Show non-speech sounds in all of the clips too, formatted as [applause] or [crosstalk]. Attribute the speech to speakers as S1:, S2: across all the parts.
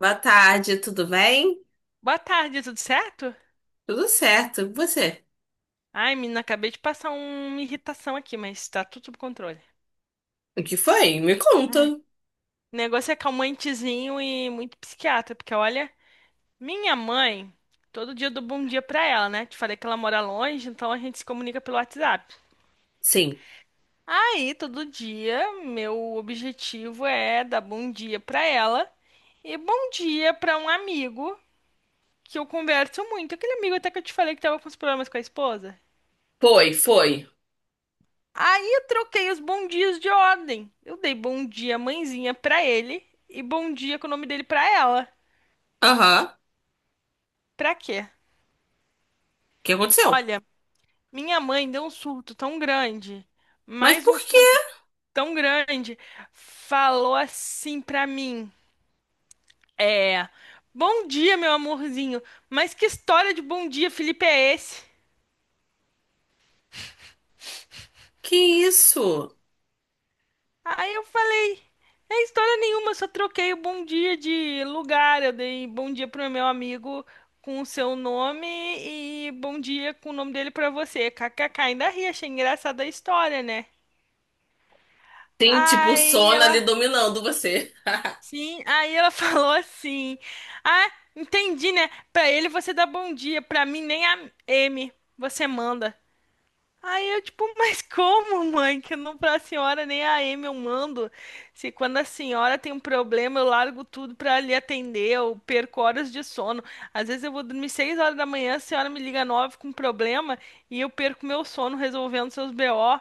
S1: Boa tarde, tudo bem?
S2: Boa tarde, tudo certo?
S1: Tudo certo. E você?
S2: Ai, menina, acabei de passar uma irritação aqui, mas tá tudo sob controle.
S1: O que foi? Me conta.
S2: Ai, o negócio é calmantezinho e muito psiquiatra, porque olha, minha mãe, todo dia eu dou bom dia pra ela, né? Te falei que ela mora longe, então a gente se comunica pelo WhatsApp.
S1: Sim.
S2: Aí, todo dia, meu objetivo é dar bom dia pra ela e bom dia pra um amigo que eu converso muito. Aquele amigo até que eu te falei que tava com os problemas com a esposa.
S1: Foi, foi.
S2: Aí eu troquei os bom dias de ordem. Eu dei bom dia, mãezinha, pra ele e bom dia com o nome dele pra ela.
S1: Aham. O
S2: Pra quê?
S1: que aconteceu?
S2: Olha, minha mãe deu um surto tão grande,
S1: Mas
S2: mais
S1: por
S2: um
S1: quê?
S2: surto tão grande, falou assim pra mim: É, bom dia, meu amorzinho, mas que história de bom dia, Felipe, é esse?
S1: Que isso?
S2: Aí eu falei. É história nenhuma, só troquei o bom dia de lugar. Eu dei bom dia pro meu amigo com o seu nome e bom dia com o nome dele pra você. KKK, ainda ri, achei engraçada a história, né?
S1: Tem tipo o
S2: Aí
S1: sono ali
S2: ela,
S1: dominando você.
S2: sim, aí ela [laughs] falou assim: Ah, entendi, né? Pra ele você dá bom dia, pra mim nem a M, você manda. Aí eu, tipo, [laughs] mas como, mãe? Que não pra senhora nem a Amy eu mando. Se quando a senhora tem um problema, eu largo tudo pra lhe atender, eu perco horas de sono. Às vezes eu vou dormir seis horas da manhã, a senhora me liga nove com problema e eu perco meu sono resolvendo seus BO.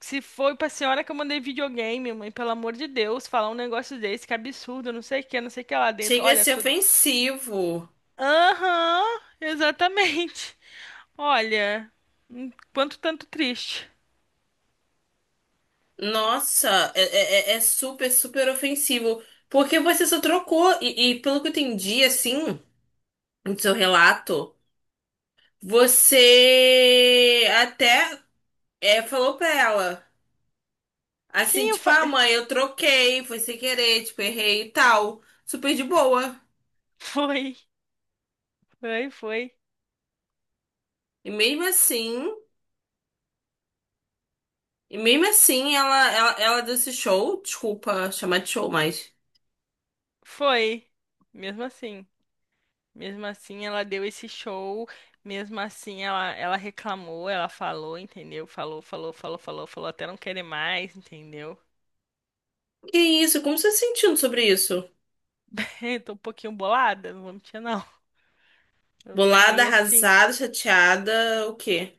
S2: Se foi pra senhora que eu mandei videogame, mãe, pelo amor de Deus, falar um negócio desse, que absurdo, não sei o que, não sei o que lá
S1: [laughs]
S2: dentro.
S1: Chega a
S2: Olha,
S1: ser
S2: tudo.
S1: ofensivo.
S2: Aham, exatamente. [laughs] Olha, um quanto tanto triste.
S1: Nossa, é, é- é- é super, super ofensivo. Porque você só trocou. E pelo que eu entendi, assim, no seu relato, você até é, falou pra ela. Assim,
S2: Sim,
S1: tipo, ah, mãe, eu troquei, foi sem querer, tipo, errei e tal. Super de boa.
S2: [laughs] foi, foi, foi,
S1: E mesmo assim, e mesmo assim, ela deu esse show. Desculpa chamar de show, mas.
S2: foi. Mesmo assim, mesmo assim ela deu esse show, mesmo assim ela reclamou, ela falou, entendeu? Falou, falou, falou, falou, falou até não querer mais, entendeu?
S1: Que isso? Como você tá se sentindo sobre isso?
S2: [laughs] Eu tô um pouquinho bolada, não vou mentir não. Eu tô
S1: Bolada,
S2: meio assim.
S1: arrasada, chateada, o quê?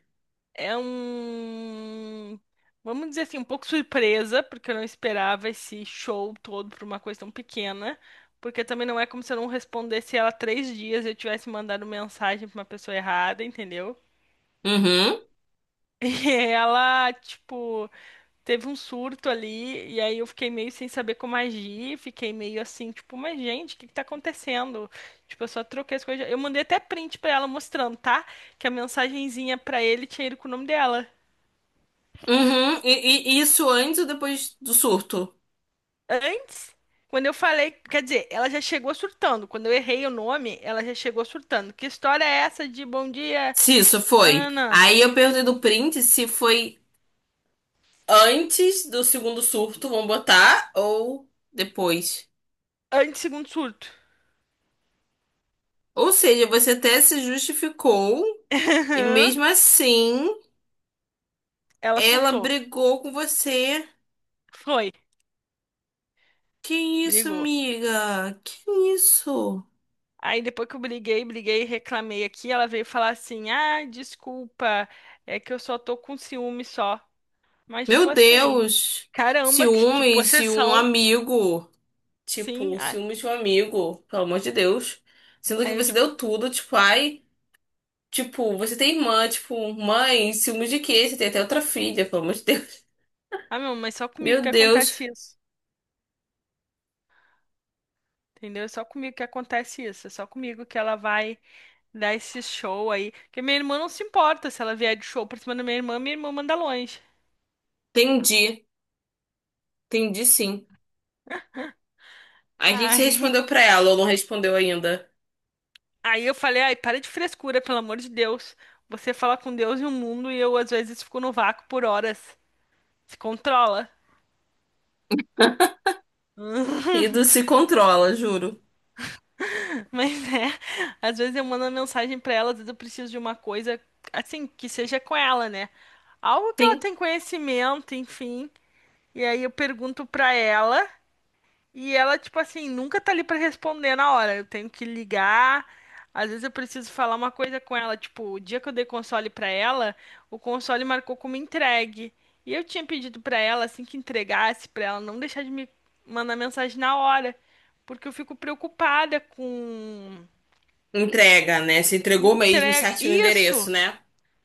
S2: É um, vamos dizer assim, um pouco surpresa, porque eu não esperava esse show todo por uma coisa tão pequena. Porque também não é como se eu não respondesse ela três dias e eu tivesse mandado mensagem pra uma pessoa errada, entendeu? [laughs]
S1: Uhum,
S2: E ela, tipo, teve um surto ali, e aí eu fiquei meio sem saber como agir, fiquei meio assim, tipo, mas gente, o que que tá acontecendo? Tipo, eu só troquei as coisas. Eu mandei até print pra ela mostrando, tá? Que a mensagenzinha pra ele tinha ido com o nome dela.
S1: uhum. E isso antes ou depois do surto?
S2: Antes, quando eu falei, quer dizer, ela já chegou surtando. Quando eu errei o nome, ela já chegou surtando. Que história é essa de bom dia?
S1: Se isso
S2: Não,
S1: foi.
S2: não, não.
S1: Aí eu perguntei do print se foi antes do segundo surto, vamos botar, ou depois.
S2: Antes, segundo surto.
S1: Ou seja, você até se justificou e
S2: [laughs]
S1: mesmo assim
S2: Ela
S1: ela
S2: surtou.
S1: brigou com você.
S2: Foi,
S1: Que isso,
S2: brigou.
S1: amiga? Que isso?
S2: Aí depois que eu briguei, briguei, reclamei aqui, ela veio falar assim: "Ah, desculpa, é que eu só tô com ciúme só." Mas tipo
S1: Meu
S2: assim,
S1: Deus!
S2: caramba, que
S1: Ciúmes de um
S2: possessão.
S1: amigo.
S2: Sim.
S1: Tipo,
S2: Ah,
S1: ciúmes de um amigo, pelo amor de Deus. Sendo que
S2: aí eu
S1: você
S2: tipo,
S1: deu tudo, tipo, ai. Tipo, você tem irmã, tipo, mãe, ciúmes de quê? Você tem até outra filha, pelo amor de Deus.
S2: ah, meu, mas só comigo
S1: Meu
S2: que acontece
S1: Deus,
S2: isso. Entendeu? É só comigo que acontece isso. É só comigo que ela vai dar esse show aí. Porque minha irmã não se importa se ela vier de show pra cima da minha irmã manda longe.
S1: entendi, entendi sim. Aí o que que você
S2: Ai,
S1: respondeu pra ela ou não respondeu ainda?
S2: [laughs] aí eu falei, ai, para de frescura, pelo amor de Deus. Você fala com Deus e o mundo e eu às vezes fico no vácuo por horas. Se controla. [laughs]
S1: Ido se controla, juro.
S2: Mas é, às vezes eu mando uma mensagem pra ela, às vezes eu preciso de uma coisa assim, que seja com ela, né? Algo que ela
S1: Sim.
S2: tem conhecimento, enfim. E aí eu pergunto pra ela. E ela, tipo assim, nunca tá ali pra responder na hora. Eu tenho que ligar. Às vezes eu preciso falar uma coisa com ela. Tipo, o dia que eu dei console pra ela, o console marcou como entregue. E eu tinha pedido pra ela, assim que entregasse, pra ela não deixar de me mandar mensagem na hora. Porque eu fico preocupada com
S1: Entrega, né? Se entregou mesmo,
S2: entrega.
S1: certo no endereço,
S2: Isso!
S1: né?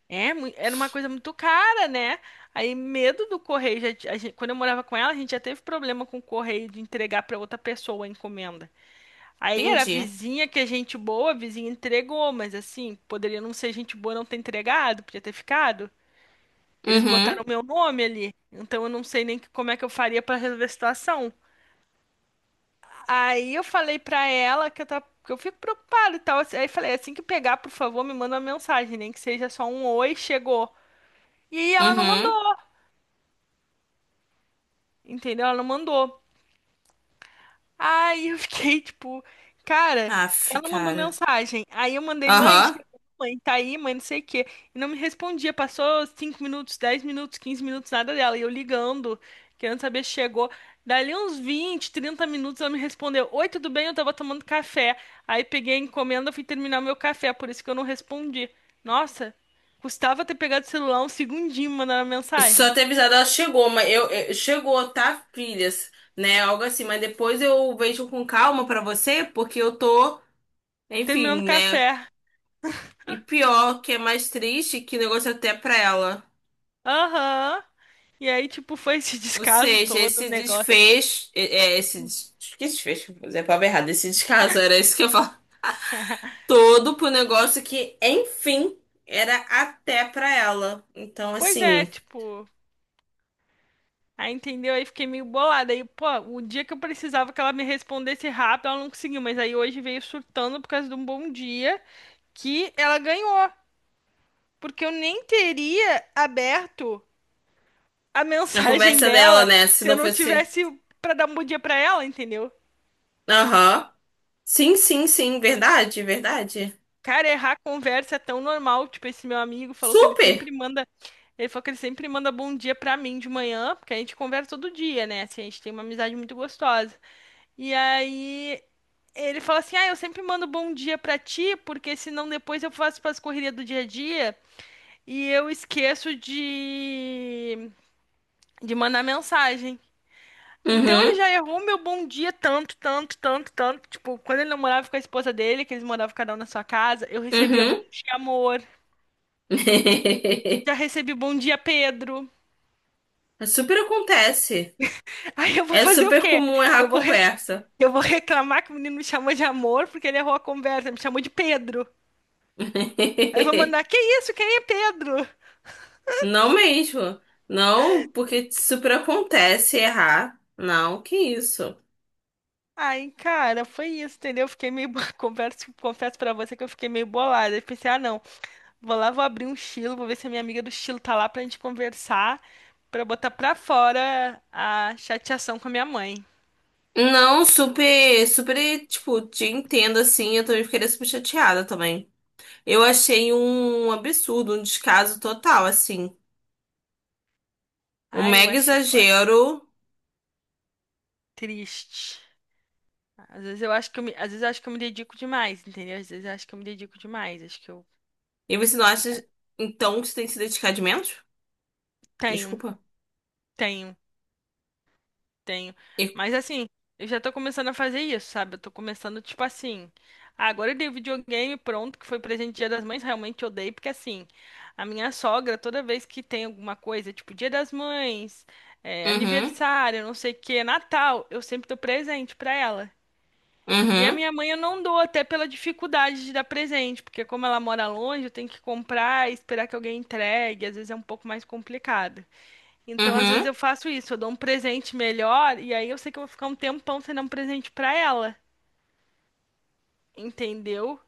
S2: É, era uma coisa muito cara, né? Aí, medo do correio. Já, quando eu morava com ela, a gente já teve problema com o correio de entregar pra outra pessoa a encomenda. Aí era a
S1: Entendi.
S2: vizinha que é gente boa, a vizinha entregou, mas assim, poderia não ser gente boa não ter entregado, podia ter ficado. Eles
S1: Uhum,
S2: botaram meu nome ali, então eu não sei nem como é que eu faria pra resolver a situação. Aí eu falei pra ela que eu, tava, que eu fico preocupada e tal. Assim, aí falei, assim que pegar, por favor, me manda uma mensagem, nem que seja só um oi, chegou. E ela não mandou,
S1: uhum.
S2: entendeu? Ela não mandou. Aí eu fiquei tipo, cara,
S1: Aff,
S2: ela mandou
S1: cara.
S2: mensagem. Aí eu mandei, mãe,
S1: Aham.
S2: chegou, mãe, tá aí, mãe, não sei o quê. E não me respondia. Passou 5 minutos, 10 minutos, 15 minutos, nada dela. E eu ligando, querendo saber se chegou. Dali uns 20, 30 minutos ela me respondeu: Oi, tudo bem? Eu tava tomando café. Aí peguei a encomenda, fui terminar meu café, por isso que eu não respondi. Nossa, custava ter pegado o celular um segundinho e mandando a
S1: Só
S2: mensagem.
S1: ter avisado, ela chegou, mas chegou, tá, filhas, né? Algo assim, mas depois eu vejo com calma pra você, porque eu tô,
S2: Terminando o
S1: enfim, né?
S2: café.
S1: E pior, que é mais triste, que o negócio é até pra ela.
S2: Aham. E aí, tipo, foi esse [laughs]
S1: Ou
S2: descaso
S1: seja,
S2: todo, o
S1: esse
S2: negócio.
S1: desfecho, é, é, que desfecho, é a palavra errada, esse descaso, era isso que eu falo. Todo pro negócio que, enfim, era até pra ela. Então,
S2: Pois é,
S1: assim,
S2: tipo, aí entendeu? Aí fiquei meio bolada. Aí, pô, o dia que eu precisava que ela me respondesse rápido, ela não conseguiu. Mas aí hoje veio surtando por causa de um bom dia que ela ganhou. Porque eu nem teria aberto a [laughs]
S1: a
S2: mensagem
S1: conversa dela,
S2: dela
S1: né? Se
S2: se eu
S1: não
S2: não
S1: fosse.
S2: tivesse pra dar um bom dia pra ela, entendeu?
S1: Aham. Sim, sim, sim. Verdade, verdade.
S2: Cara, errar conversa é tão normal. Tipo, esse meu amigo falou que ele
S1: Super.
S2: sempre manda. Ele falou que ele sempre manda bom dia pra mim de manhã, porque a gente conversa todo dia, né? Assim, a gente tem uma amizade muito gostosa. E aí ele fala assim: Ah, eu sempre mando bom dia pra ti, porque senão depois eu faço pras correrias do dia a dia e eu esqueço de mandar mensagem. Então ele
S1: Uhum,
S2: já errou meu bom dia tanto, tanto, tanto, tanto. Tipo, quando ele namorava com a esposa dele, que eles moravam cada um na sua casa, eu recebia bom
S1: uhum.
S2: dia, amor. Já
S1: [laughs]
S2: recebi bom dia, Pedro.
S1: Super acontece.
S2: Aí eu vou
S1: É
S2: fazer o
S1: super
S2: quê?
S1: comum errar
S2: Eu
S1: a
S2: vou, re-
S1: conversa.
S2: eu vou reclamar que o menino me chamou de amor porque ele errou a conversa, me chamou de Pedro. Aí eu vou mandar,
S1: [laughs]
S2: que isso? Quem é Pedro?
S1: Não mesmo. Não, porque super acontece errar. Não, que isso.
S2: Aí, cara, foi isso, entendeu? Eu fiquei meio, [laughs] confesso pra você que eu fiquei meio bolada. Eu pensei, ah, não, vou lá, vou abrir um estilo, vou ver se a minha amiga do estilo tá lá pra gente conversar, pra botar pra fora a chateação com a minha mãe.
S1: Não, super, super, tipo, te entendo assim. Eu também ficaria super chateada também. Eu achei um absurdo, um descaso total, assim. Um
S2: Ai, eu
S1: mega
S2: achei, olha,
S1: exagero.
S2: triste. Às vezes eu acho que eu me, às vezes eu acho que eu me dedico demais, entendeu? Às vezes eu acho que eu me dedico demais, acho que eu
S1: E você não acha,
S2: é,
S1: então, que você tem que se dedicar de menos?
S2: tenho,
S1: Desculpa.
S2: tenho, tenho.
S1: E-
S2: Mas assim, eu já tô começando a fazer isso, sabe? Eu tô começando tipo assim, ah, agora eu dei o videogame pronto, que foi presente Dia das Mães, realmente eu dei, porque assim, a minha sogra toda vez que tem alguma coisa, tipo Dia das Mães, é,
S1: Uhum,
S2: aniversário, não sei o que, Natal, eu sempre tô presente pra ela. E a
S1: uhum,
S2: minha mãe eu não dou, até pela dificuldade de dar presente, porque como ela mora longe, eu tenho que comprar e esperar que alguém entregue, às vezes é um pouco mais complicado. Então, às vezes
S1: uhum.
S2: eu faço isso, eu dou um presente melhor e aí eu sei que eu vou ficar um tempão sem dar um presente pra ela, entendeu?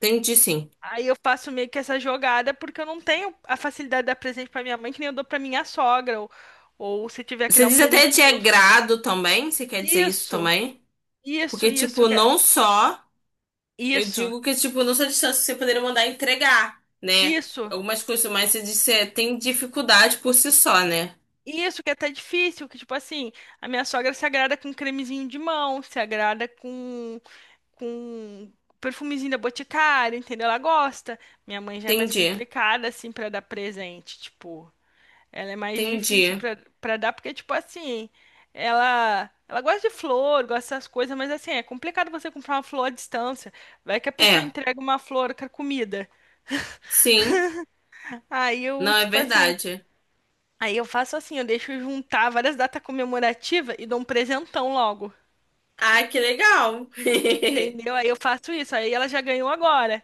S1: Entendi, sim.
S2: Aí eu faço meio que essa jogada porque eu não tenho a facilidade de dar presente pra minha mãe, que nem eu dou pra minha sogra, ou se tiver que
S1: Você
S2: dar um
S1: diz até
S2: presente
S1: de
S2: pro meu...
S1: agrado também? Você quer dizer isso
S2: Isso,
S1: também?
S2: isso,
S1: Porque,
S2: isso,
S1: tipo, não só. Eu
S2: isso,
S1: digo que, tipo, não só distância que você poderia mandar entregar, né?
S2: isso.
S1: Algumas coisas, mas você disse, é, tem dificuldade por si só, né?
S2: Isso que é até difícil, que tipo assim, a minha sogra se agrada com cremezinho de mão, se agrada com com perfumezinho da Boticário, entendeu? Ela gosta. Minha mãe já é mais
S1: Entendi,
S2: complicada assim pra dar presente, tipo, ela é mais difícil
S1: entendi.
S2: pra para dar porque tipo assim, ela gosta de flor, gosta dessas coisas, mas assim, é complicado você comprar uma flor à distância. Vai que a pessoa
S1: É,
S2: entrega uma flor carcomida.
S1: sim,
S2: Aí eu,
S1: não é
S2: tipo assim,
S1: verdade.
S2: aí eu faço assim, eu deixo juntar várias datas comemorativas e dou um presentão logo,
S1: Ah, que legal. [laughs]
S2: entendeu? Aí eu faço isso, aí ela já ganhou agora.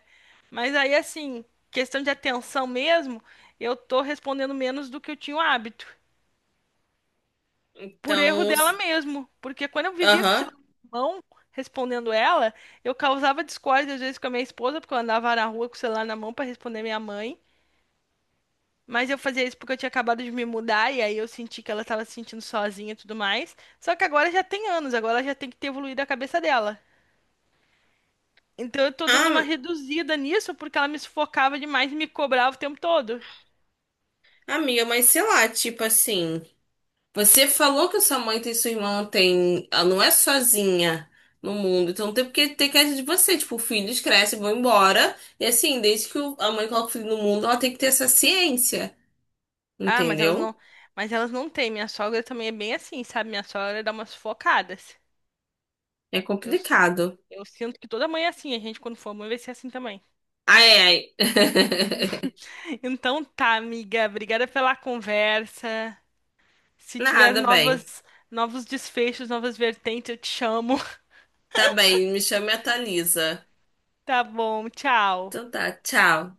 S2: Mas aí assim, questão de atenção mesmo, eu tô respondendo menos do que eu tinha o hábito, por erro
S1: Então,
S2: dela
S1: s-
S2: mesmo, porque quando eu vivia com o
S1: aham.
S2: celular na mão, respondendo ela, eu causava discórdia às vezes com a minha esposa, porque eu andava na rua com o celular na mão para responder minha mãe. Mas eu fazia isso porque eu tinha acabado de me mudar e aí eu senti que ela tava se sentindo sozinha e tudo mais. Só que agora já tem anos, agora ela já tem que ter evoluído a cabeça dela. Então eu tô dando uma
S1: Ah,
S2: reduzida nisso porque ela me sufocava demais e me cobrava o tempo todo.
S1: amiga, mas sei lá, tipo assim. Você falou que sua mãe tem sua irmã tem, ela não é sozinha no mundo, então não tem porque ter queda de você, tipo, filhos crescem, vão embora, e assim, desde que a mãe coloca o filho no mundo, ela tem que ter essa ciência,
S2: Ah,
S1: entendeu?
S2: mas elas não têm. Minha sogra também é bem assim, sabe? Minha sogra dá umas sufocadas.
S1: É
S2: Eu, si-
S1: complicado.
S2: eu sinto que toda mãe é assim, a gente quando for mãe vai ser assim também.
S1: Ai, ai. [laughs]
S2: [laughs] Então tá, amiga, obrigada pela conversa. Se tiver
S1: Nada, bem.
S2: novos desfechos, novas vertentes, eu te chamo.
S1: Tá bem, me chama e atualiza.
S2: Tá bom, tchau.
S1: Então tá, tchau.